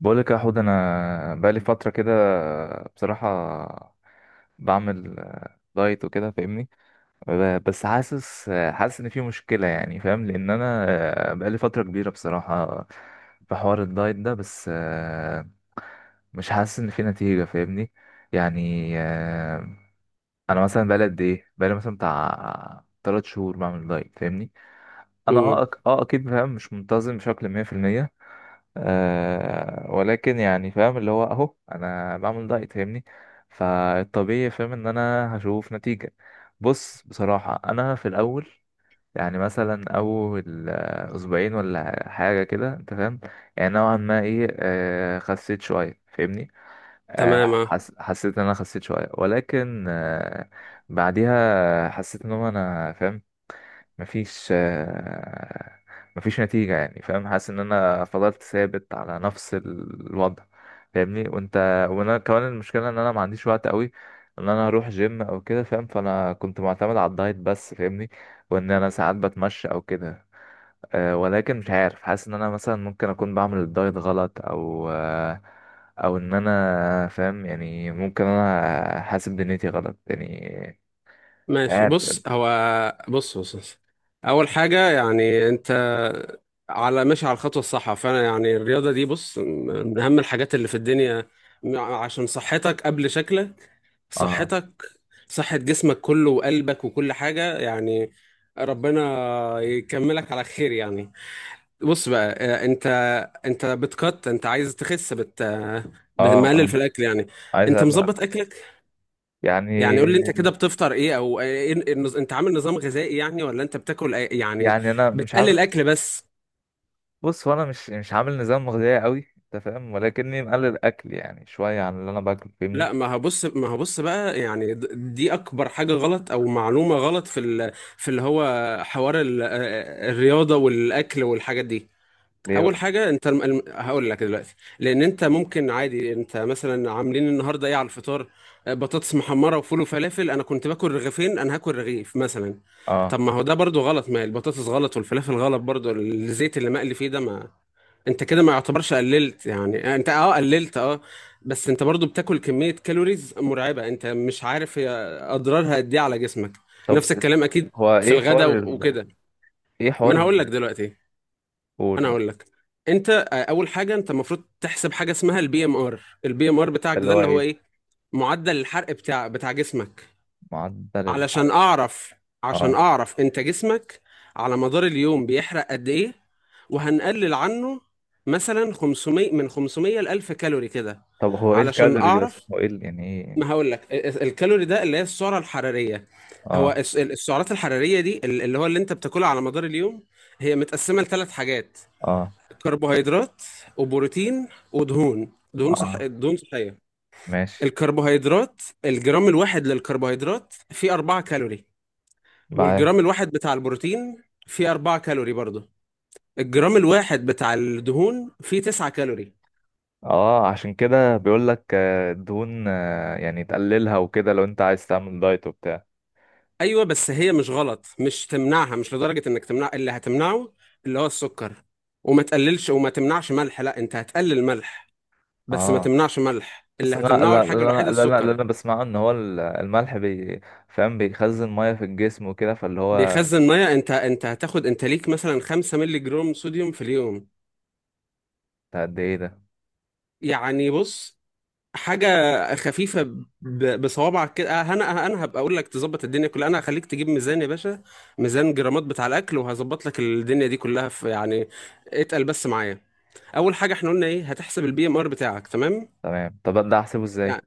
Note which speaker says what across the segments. Speaker 1: بقولك يا حود، انا بقالي فتره كده بصراحه، بعمل دايت وكده فاهمني. بس حاسس حاسس ان في مشكله يعني، فاهم، لان انا بقالي فتره كبيره بصراحه في حوار الدايت ده، بس مش حاسس ان في نتيجه فاهمني. يعني انا مثلا بقالي قد ايه، بقالي مثلا بتاع 3 شهور بعمل دايت فاهمني. انا
Speaker 2: امم.
Speaker 1: اكيد فاهم، مش منتظم بشكل 100%. ولكن يعني فاهم، اللي هو اهو انا بعمل دايت فاهمني، فالطبيعي فاهم ان انا هشوف نتيجة. بص بصراحة، انا في الاول يعني مثلا اول اسبوعين ولا حاجة كده، انت فاهم، يعني نوعا ما ايه، خسيت شوية فاهمني.
Speaker 2: تمام آه.
Speaker 1: حسيت ان انا خسيت شويه، ولكن بعديها حسيت ان هو انا فاهم، مفيش مفيش نتيجه يعني، فاهم، حاسس ان انا فضلت ثابت على نفس الوضع فاهمني. وانت، وانا كمان المشكله ان انا ما عنديش وقت قوي ان انا اروح جيم او كده فاهم، فانا كنت معتمد على الدايت بس فاهمني، وان انا ساعات بتمشى او كده. أه، ولكن مش عارف، حاسس ان انا مثلا ممكن اكون بعمل الدايت غلط، او ان انا فاهم، يعني ممكن انا حاسب دنيتي غلط يعني. مش
Speaker 2: ماشي،
Speaker 1: عارف.
Speaker 2: بص هو. بص بص بص. اول حاجه، يعني انت على ماشي على الخطوه الصح، فانا يعني الرياضه دي، بص، من اهم الحاجات اللي في الدنيا. عشان صحتك قبل شكلك،
Speaker 1: اه
Speaker 2: صحتك، صحه جسمك كله وقلبك وكل حاجه يعني. ربنا يكملك على خير يعني. بص بقى، انت انت بتقط انت عايز تخس بت
Speaker 1: اه
Speaker 2: بتقلل
Speaker 1: اه،
Speaker 2: في الاكل يعني.
Speaker 1: عايز
Speaker 2: انت مظبط
Speaker 1: أقلق.
Speaker 2: اكلك
Speaker 1: يعني،
Speaker 2: يعني؟ قول لي انت كده بتفطر ايه، او ايه انت عامل نظام غذائي يعني، ولا انت يعني
Speaker 1: يعني انا مش
Speaker 2: بتقلل
Speaker 1: عامل.
Speaker 2: اكل بس؟
Speaker 1: بص، هو انا مش عامل نظام غذائي قوي انت فاهم، ولكني مقلل اكل يعني شويه عن اللي انا باكله فاهمني.
Speaker 2: لا، ما هبص ما هبص بقى، يعني دي اكبر حاجة غلط او معلومة غلط في في اللي هو حوار الرياضة والاكل والحاجات دي.
Speaker 1: ليه
Speaker 2: اول
Speaker 1: بقى؟
Speaker 2: حاجه، انت هقول لك دلوقتي. لان انت ممكن عادي انت مثلا عاملين النهارده ايه على الفطار. بطاطس محمره وفول وفلافل، انا كنت باكل رغيفين، انا هاكل رغيف مثلا.
Speaker 1: اه.
Speaker 2: طب ما هو ده برضو غلط، ما البطاطس غلط والفلافل غلط برضو، الزيت اللي مقلي فيه ده ما. انت كده ما يعتبرش قللت، يعني انت اه قللت اه، بس انت برضو بتاكل كمية كالوريز مرعبة. انت مش عارف هي اضرارها قد ايه على جسمك.
Speaker 1: طب
Speaker 2: نفس الكلام اكيد
Speaker 1: هو
Speaker 2: في
Speaker 1: ايه
Speaker 2: الغداء
Speaker 1: حوار ال...؟
Speaker 2: وكده.
Speaker 1: ايه
Speaker 2: ما
Speaker 1: حوار
Speaker 2: انا هقول لك
Speaker 1: ال...؟
Speaker 2: دلوقتي.
Speaker 1: قول
Speaker 2: انا
Speaker 1: قول.
Speaker 2: اقول لك، انت اول حاجه انت المفروض تحسب حاجه اسمها البي ام ار. البي ام ار بتاعك
Speaker 1: اللي
Speaker 2: ده
Speaker 1: هو
Speaker 2: اللي هو
Speaker 1: ايه؟
Speaker 2: ايه؟ معدل الحرق بتاع جسمك.
Speaker 1: معدل
Speaker 2: علشان
Speaker 1: الحرق؟
Speaker 2: اعرف، عشان
Speaker 1: اه.
Speaker 2: اعرف انت جسمك على مدار اليوم بيحرق قد ايه، وهنقلل عنه مثلا 500، من 500 ل 1000 كالوري كده.
Speaker 1: طب هو ايه
Speaker 2: علشان
Speaker 1: الكالوري دي اصلا؟
Speaker 2: اعرف،
Speaker 1: هو ايه ال- يعني
Speaker 2: ما
Speaker 1: ايه؟
Speaker 2: هقول لك الكالوري ده اللي هي السعره الحراريه. هو
Speaker 1: اه.
Speaker 2: السعرات الحراريه دي اللي هو اللي انت بتاكلها على مدار اليوم، هي متقسمه لثلاث حاجات:
Speaker 1: اه.
Speaker 2: كربوهيدرات وبروتين ودهون. دهون، صح،
Speaker 1: اه
Speaker 2: دهون صحيه.
Speaker 1: ماشي.
Speaker 2: الكربوهيدرات، الجرام الواحد للكربوهيدرات فيه 4 كالوري،
Speaker 1: معاه.
Speaker 2: والجرام الواحد بتاع البروتين فيه 4 كالوري برضه، الجرام الواحد بتاع الدهون فيه 9 كالوري.
Speaker 1: اه، عشان كده بيقول لك دهون يعني تقللها وكده لو انت عايز تعمل دايت وبتاع.
Speaker 2: ايوه، بس هي مش غلط، مش تمنعها، مش لدرجه انك تمنع. اللي هتمنعه اللي هو السكر. وما تقللش وما تمنعش ملح، لا، انت هتقلل ملح، بس ما
Speaker 1: اه،
Speaker 2: تمنعش ملح. اللي
Speaker 1: بس انا،
Speaker 2: هتمنعه
Speaker 1: لا لا
Speaker 2: الحاجه الوحيده
Speaker 1: لا لا لا لا، انا
Speaker 2: السكر.
Speaker 1: بسمعه ان هو الملح بي، فاهم، بيخزن ميه في الجسم وكده، فاللي هو.
Speaker 2: بيخزن ميه. انت هتاخد انت ليك مثلا 5 مللي جرام صوديوم في اليوم.
Speaker 1: ده قد ايه ده؟
Speaker 2: يعني بص، حاجه خفيفه، بصوابعك كده. أه، انا أه، انا هبقى اقول لك تظبط الدنيا كلها، انا هخليك تجيب ميزان يا باشا، ميزان جرامات بتاع الاكل، وهظبط لك الدنيا دي كلها في يعني. اتقل بس معايا. اول حاجه، احنا قلنا ايه؟ هتحسب البي ام ار بتاعك، تمام؟
Speaker 1: تمام. طب ده احسبه ازاي؟
Speaker 2: يعني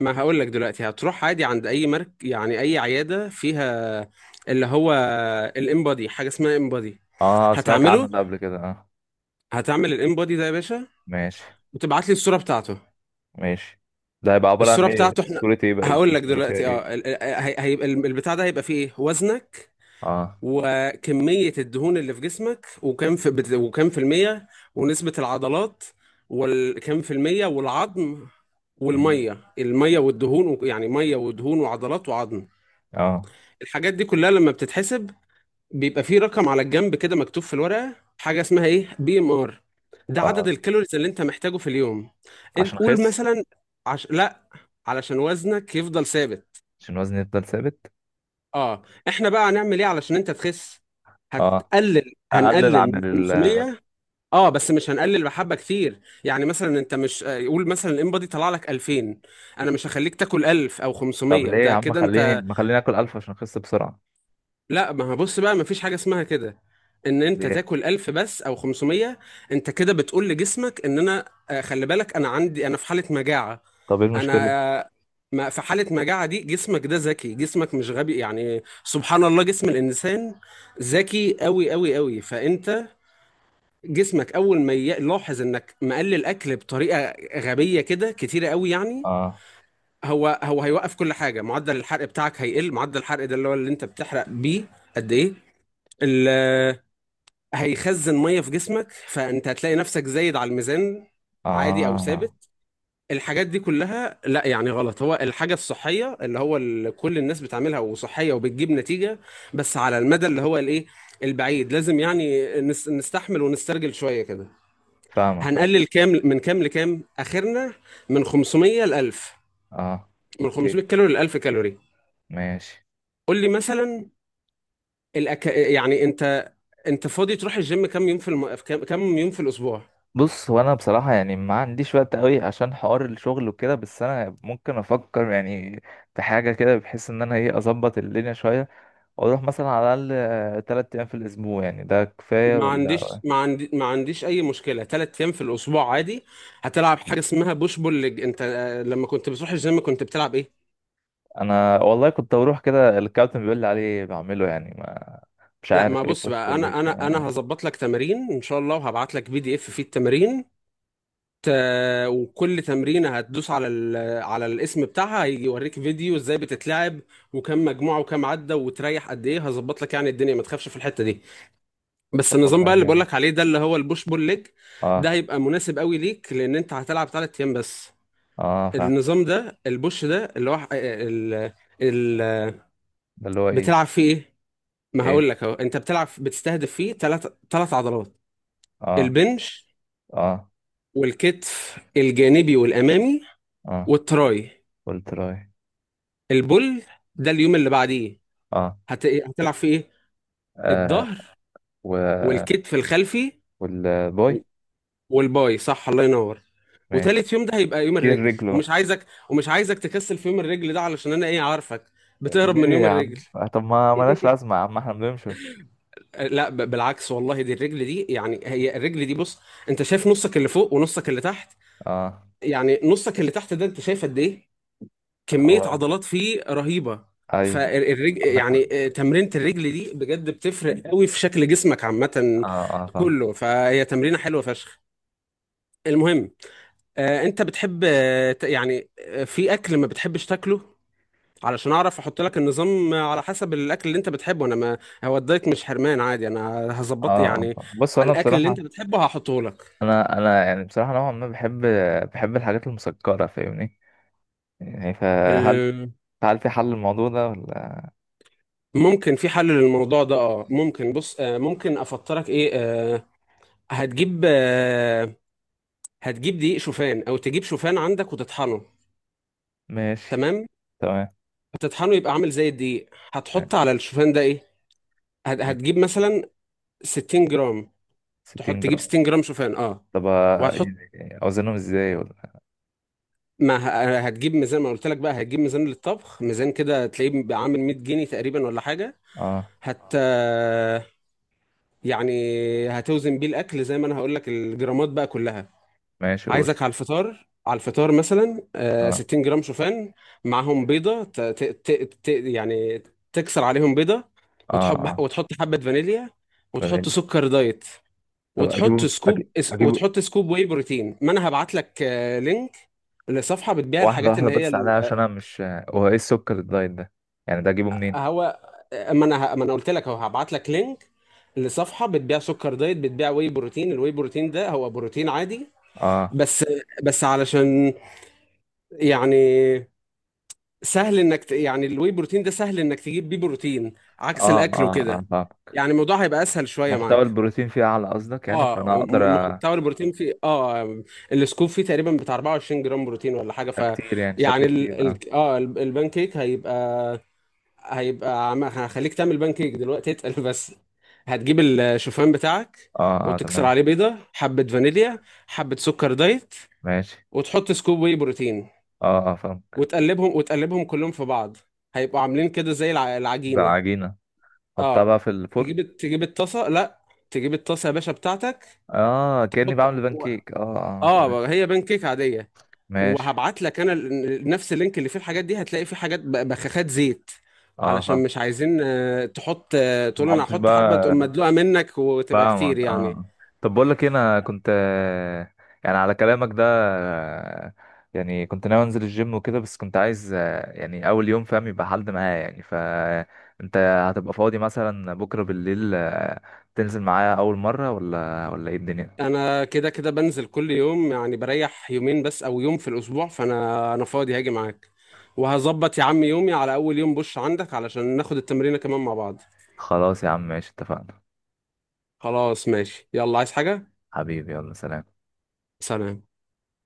Speaker 2: ما هقول لك دلوقتي هتروح عادي عند اي مرك، يعني اي عياده فيها اللي هو الامبادي، حاجه اسمها امبادي.
Speaker 1: اه، سمعت عنه
Speaker 2: هتعمله،
Speaker 1: ده قبل كده، اه.
Speaker 2: هتعمل الانبودي ده يا باشا،
Speaker 1: ماشي.
Speaker 2: وتبعت لي الصوره بتاعته.
Speaker 1: ماشي. ده هيبقى عبارة عن
Speaker 2: الصوره
Speaker 1: ايه؟
Speaker 2: بتاعته احنا
Speaker 1: صورة ايه بقى
Speaker 2: هقول لك
Speaker 1: بيبقى فيها
Speaker 2: دلوقتي،
Speaker 1: ايه؟
Speaker 2: هيبقى البتاع ده هيبقى فيه ايه: وزنك
Speaker 1: اه.
Speaker 2: وكميه الدهون اللي في جسمك، وكم في الميه، ونسبه العضلات وكم في الميه، والعظم.
Speaker 1: مم.
Speaker 2: والميه والدهون يعني ميه ودهون وعضلات وعظم.
Speaker 1: اه
Speaker 2: الحاجات دي كلها لما بتتحسب، بيبقى فيه رقم على الجنب كده مكتوب في الورقة، حاجة اسمها ايه، بي ام ار. ده عدد
Speaker 1: اه،
Speaker 2: الكالوريز اللي انت محتاجه في اليوم. انت
Speaker 1: عشان
Speaker 2: قول
Speaker 1: اخس.
Speaker 2: مثلا، لا، علشان وزنك يفضل ثابت.
Speaker 1: عشان وزني يفضل ثابت.
Speaker 2: اه، احنا بقى هنعمل ايه علشان انت تخس؟
Speaker 1: اه.
Speaker 2: هتقلل،
Speaker 1: اقلل
Speaker 2: هنقلل
Speaker 1: عن
Speaker 2: من
Speaker 1: ال.
Speaker 2: 500. اه بس مش هنقلل بحبة كتير، يعني مثلا انت مش، قول مثلا الانبادي طلع لك 2000، انا مش هخليك تاكل 1000 او
Speaker 1: طب
Speaker 2: 500،
Speaker 1: ليه يا
Speaker 2: ده
Speaker 1: عم؟
Speaker 2: كده
Speaker 1: خليني،
Speaker 2: انت.
Speaker 1: ما خليني اكل الف عشان اخس بسرعه.
Speaker 2: لا ما هبص بقى، ما فيش حاجة اسمها كده، ان انت
Speaker 1: ليه؟
Speaker 2: تاكل 1000 بس او 500. انت كده بتقول لجسمك ان انا، خلي بالك، انا عندي، انا في حالة مجاعة.
Speaker 1: طب ايه
Speaker 2: انا
Speaker 1: المشكله؟
Speaker 2: آه، ما في حالة مجاعة دي، جسمك ده ذكي، جسمك مش غبي يعني، سبحان الله، جسم الانسان ذكي قوي قوي قوي. فانت جسمك اول ما يلاحظ انك مقلل اكل بطريقة غبية كده كتيرة قوي يعني،
Speaker 1: اه
Speaker 2: هو هيوقف كل حاجة، معدل الحرق بتاعك هيقل، معدل الحرق ده اللي هو اللي انت بتحرق بيه قد ايه. ال- هيخزن ميه في جسمك، فانت هتلاقي نفسك زايد على الميزان عادي، او
Speaker 1: اه
Speaker 2: ثابت. الحاجات دي كلها، لا يعني غلط، هو الحاجه الصحيه اللي هو كل الناس بتعملها وصحيه وبتجيب نتيجه، بس على المدى اللي هو الايه، البعيد، لازم يعني نستحمل ونسترجل شويه كده.
Speaker 1: فاهمك، اه،
Speaker 2: هنقلل كام من كام لكام؟ اخرنا من 500 ل 1000،
Speaker 1: آه.
Speaker 2: من 500
Speaker 1: اوكي،
Speaker 2: كالوري ل 1000 كالوري.
Speaker 1: ماشي.
Speaker 2: قول لي مثلا، يعني انت، انت فاضي تروح الجيم كام يوم في كام يوم في الاسبوع؟
Speaker 1: بص هو انا بصراحه يعني ما عنديش وقت قوي عشان حوار الشغل وكده، بس انا ممكن افكر يعني في حاجه كده، بحيث ان انا ايه اظبط الدنيا شويه واروح مثلا على الاقل ثلاث ايام في الاسبوع، يعني ده كفايه
Speaker 2: ما
Speaker 1: ولا؟
Speaker 2: عنديش، ما عندي، ما عنديش اي مشكله، ثلاث ايام في الاسبوع عادي. هتلعب حاجه اسمها بوش بول ليج. انت، لما كنت بتروح الجيم كنت بتلعب ايه؟
Speaker 1: انا والله كنت بروح كده، الكابتن بيقول لي عليه بعمله يعني، ما مش
Speaker 2: لا ما
Speaker 1: عارف ايه،
Speaker 2: بص
Speaker 1: كوتش،
Speaker 2: بقى،
Speaker 1: بقول لك.
Speaker 2: انا هظبط لك تمارين ان شاء الله، وهبعت لك بي دي اف فيه التمارين. ت... وكل تمرينه هتدوس على على الاسم بتاعها، هيجي يوريك فيديو ازاي بتتلعب وكم مجموعه وكم عده وتريح قد ايه. هظبط لك يعني الدنيا، ما تخافش في الحته دي. بس
Speaker 1: طب
Speaker 2: النظام
Speaker 1: والله
Speaker 2: بقى اللي بقول
Speaker 1: جامد.
Speaker 2: لك عليه ده اللي هو البوش بول ليج، ده
Speaker 1: اه
Speaker 2: هيبقى مناسب قوي ليك، لان انت هتلعب ثلاث ايام بس.
Speaker 1: اه فاهم.
Speaker 2: النظام ده البوش ده اللي هو ال...
Speaker 1: ده اللي هو ايه؟
Speaker 2: بتلعب فيه ايه؟ ما هقول
Speaker 1: ايه؟
Speaker 2: لك اهو، انت بتلعب بتستهدف فيه ثلاث عضلات:
Speaker 1: اه.
Speaker 2: البنش
Speaker 1: اه.
Speaker 2: والكتف الجانبي والامامي
Speaker 1: اه.
Speaker 2: والتراي.
Speaker 1: قلت له ايه؟
Speaker 2: البول ده اليوم اللي بعديه،
Speaker 1: اه.
Speaker 2: هتلعب فيه ايه؟
Speaker 1: آه،
Speaker 2: الظهر
Speaker 1: و.
Speaker 2: والكتف الخلفي
Speaker 1: والبوي.
Speaker 2: و- والباي، صح، الله ينور.
Speaker 1: ماشي.
Speaker 2: وتالت يوم ده هيبقى يوم
Speaker 1: كير
Speaker 2: الرجل،
Speaker 1: رجله
Speaker 2: ومش
Speaker 1: بقى.
Speaker 2: عايزك ومش عايزك تكسل في يوم الرجل ده، علشان انا ايه، عارفك بتهرب من
Speaker 1: ليه
Speaker 2: يوم
Speaker 1: يا عم؟
Speaker 2: الرجل.
Speaker 1: طب ما ملهاش لازمة يا عم، احنا بنمشي.
Speaker 2: لا بالعكس والله، دي الرجل دي يعني، هي الرجل دي، بص، انت شايف نصك اللي فوق ونصك اللي تحت؟
Speaker 1: اه.
Speaker 2: يعني نصك اللي تحت ده انت شايف قد ايه كمية
Speaker 1: هو.
Speaker 2: عضلات فيه رهيبة.
Speaker 1: ايوه.
Speaker 2: فالرجل
Speaker 1: عندك حق.
Speaker 2: يعني، تمرينة الرجل دي بجد بتفرق قوي في شكل جسمك عامة
Speaker 1: اه اه فاهم.
Speaker 2: كله. فهي تمرينة حلوة فشخ. المهم، انت بتحب، في اكل ما بتحبش تاكله؟ علشان اعرف احط لك النظام على حسب الاكل اللي انت بتحبه، انا ما، هو الدايت مش حرمان عادي، انا
Speaker 1: اه
Speaker 2: هظبط
Speaker 1: اه
Speaker 2: يعني
Speaker 1: فاهم. بص
Speaker 2: على
Speaker 1: انا
Speaker 2: الاكل اللي
Speaker 1: بصراحة،
Speaker 2: انت بتحبه هحطه لك.
Speaker 1: انا انا يعني بصراحة نوعا ما بحب، بحب الحاجات المسكرة فاهمني، يعني فهل،
Speaker 2: ال-
Speaker 1: هل في حل للموضوع ده ولا؟
Speaker 2: ممكن في حل للموضوع ده، اه ممكن، بص، ممكن افطرك ايه، هتجيب آه، هتجيب دقيق شوفان، او تجيب شوفان عندك وتطحنه.
Speaker 1: ماشي.
Speaker 2: تمام،
Speaker 1: تمام.
Speaker 2: هتطحنه يبقى عامل زي الدقيق، هتحط على الشوفان ده ايه،
Speaker 1: ماشي.
Speaker 2: هتجيب مثلا 60 جرام، تحط
Speaker 1: 60
Speaker 2: تجيب
Speaker 1: جرام.
Speaker 2: 60 جرام شوفان اه،
Speaker 1: طب
Speaker 2: وهتحط.
Speaker 1: يعني اوزنهم ازاي ولا؟
Speaker 2: ما ه- هتجيب ميزان، ما قلت لك بقى، هتجيب ميزان للطبخ، ميزان كده تلاقيه بقى عامل 100 جنيه تقريبا ولا حاجه.
Speaker 1: اه.
Speaker 2: هت يعني هتوزن بيه الاكل زي ما انا هقول لك الجرامات بقى كلها.
Speaker 1: ماشي، قول.
Speaker 2: عايزك على الفطار، على الفطار مثلا،
Speaker 1: اه
Speaker 2: 60 جرام شوفان، معاهم بيضه، ت... ت... ت... ت... يعني تكسر عليهم بيضه،
Speaker 1: اه اه.
Speaker 2: وتحط حبه فانيليا، وتحط
Speaker 1: فانيليا.
Speaker 2: سكر دايت،
Speaker 1: طب اجيبه اجيبه.
Speaker 2: وتحط سكوب واي بروتين. ما انا هبعت لك، لينك لصفحه بتبيع
Speaker 1: واحدة
Speaker 2: الحاجات
Speaker 1: واحدة
Speaker 2: اللي
Speaker 1: بس
Speaker 2: هي
Speaker 1: عليها عشان انا مش. هو ايه السكر الدايت ده يعني، ده اجيبه منين؟
Speaker 2: هو. ما انا قلت لك هو هبعت لك لينك لصفحه بتبيع سكر دايت، بتبيع واي بروتين. الواي بروتين ده هو بروتين عادي،
Speaker 1: اه
Speaker 2: بس، بس علشان يعني سهل انك يعني الواي بروتين ده سهل انك تجيب بيه بروتين عكس
Speaker 1: اه اه
Speaker 2: الاكل
Speaker 1: اه،
Speaker 2: وكده،
Speaker 1: فاهمك.
Speaker 2: يعني الموضوع هيبقى اسهل شويه
Speaker 1: محتوى
Speaker 2: معاك.
Speaker 1: البروتين فيه اعلى قصدك يعني،
Speaker 2: اه
Speaker 1: فانا اقدر.
Speaker 2: محتوى البروتين فيه اه، السكوب فيه تقريبا بتاع 24 جرام بروتين ولا حاجه، ف
Speaker 1: كتير يعني،
Speaker 2: يعني
Speaker 1: شكله كتير، اه.
Speaker 2: اه البان كيك هيبقى، هيبقى هخليك تعمل بان كيك دلوقتي. اتقل بس، هتجيب الشوفان بتاعك،
Speaker 1: اه اه
Speaker 2: وتكسر
Speaker 1: تمام.
Speaker 2: عليه بيضة، حبة فانيليا، حبة سكر دايت،
Speaker 1: ماشي.
Speaker 2: وتحط سكوب واي بروتين،
Speaker 1: اه اه فاهمك.
Speaker 2: وتقلبهم، كلهم في بعض، هيبقوا عاملين كده زي
Speaker 1: ده
Speaker 2: العجينة،
Speaker 1: العجينة، حطها بقى
Speaker 2: اه.
Speaker 1: في الفرن.
Speaker 2: تجيب الطاسة، لا، تجيب الطاسة يا باشا بتاعتك،
Speaker 1: اه، كأني
Speaker 2: تحط،
Speaker 1: بعمل بانكيك، اه اه تمام.
Speaker 2: اه، هي بانكيك عاديه.
Speaker 1: ماشي
Speaker 2: وهبعت لك انا نفس اللينك اللي فيه الحاجات دي، هتلاقي فيه حاجات بخاخات زيت،
Speaker 1: اه فاهم.
Speaker 2: علشان مش عايزين، آه، تحط آه،
Speaker 1: ما
Speaker 2: تقول انا
Speaker 1: حطش
Speaker 2: هحط حبه
Speaker 1: بقى.
Speaker 2: تقوم مدلوقه منك وتبقى
Speaker 1: فاهمك
Speaker 2: كتير
Speaker 1: اه،
Speaker 2: يعني.
Speaker 1: آه. طب بقول لك إيه، انا كنت يعني على كلامك ده يعني كنت ناوي انزل الجيم وكده، بس كنت عايز يعني اول يوم فاهم يبقى حد معايا يعني، فانت هتبقى فاضي مثلا بكرة بالليل؟ تنزل معايا اول مرة ولا، ولا ايه الدنيا؟
Speaker 2: انا كده كده بنزل كل يوم، يعني بريح يومين بس او يوم في الاسبوع، فانا، فاضي، هاجي معاك وهظبط يا عم يومي على اول يوم بوش عندك علشان ناخد التمرينه كمان مع بعض.
Speaker 1: خلاص يا عم، ماشي، اتفقنا.
Speaker 2: خلاص ماشي، يلا، عايز حاجه؟
Speaker 1: حبيبي يلا سلام.
Speaker 2: سلام.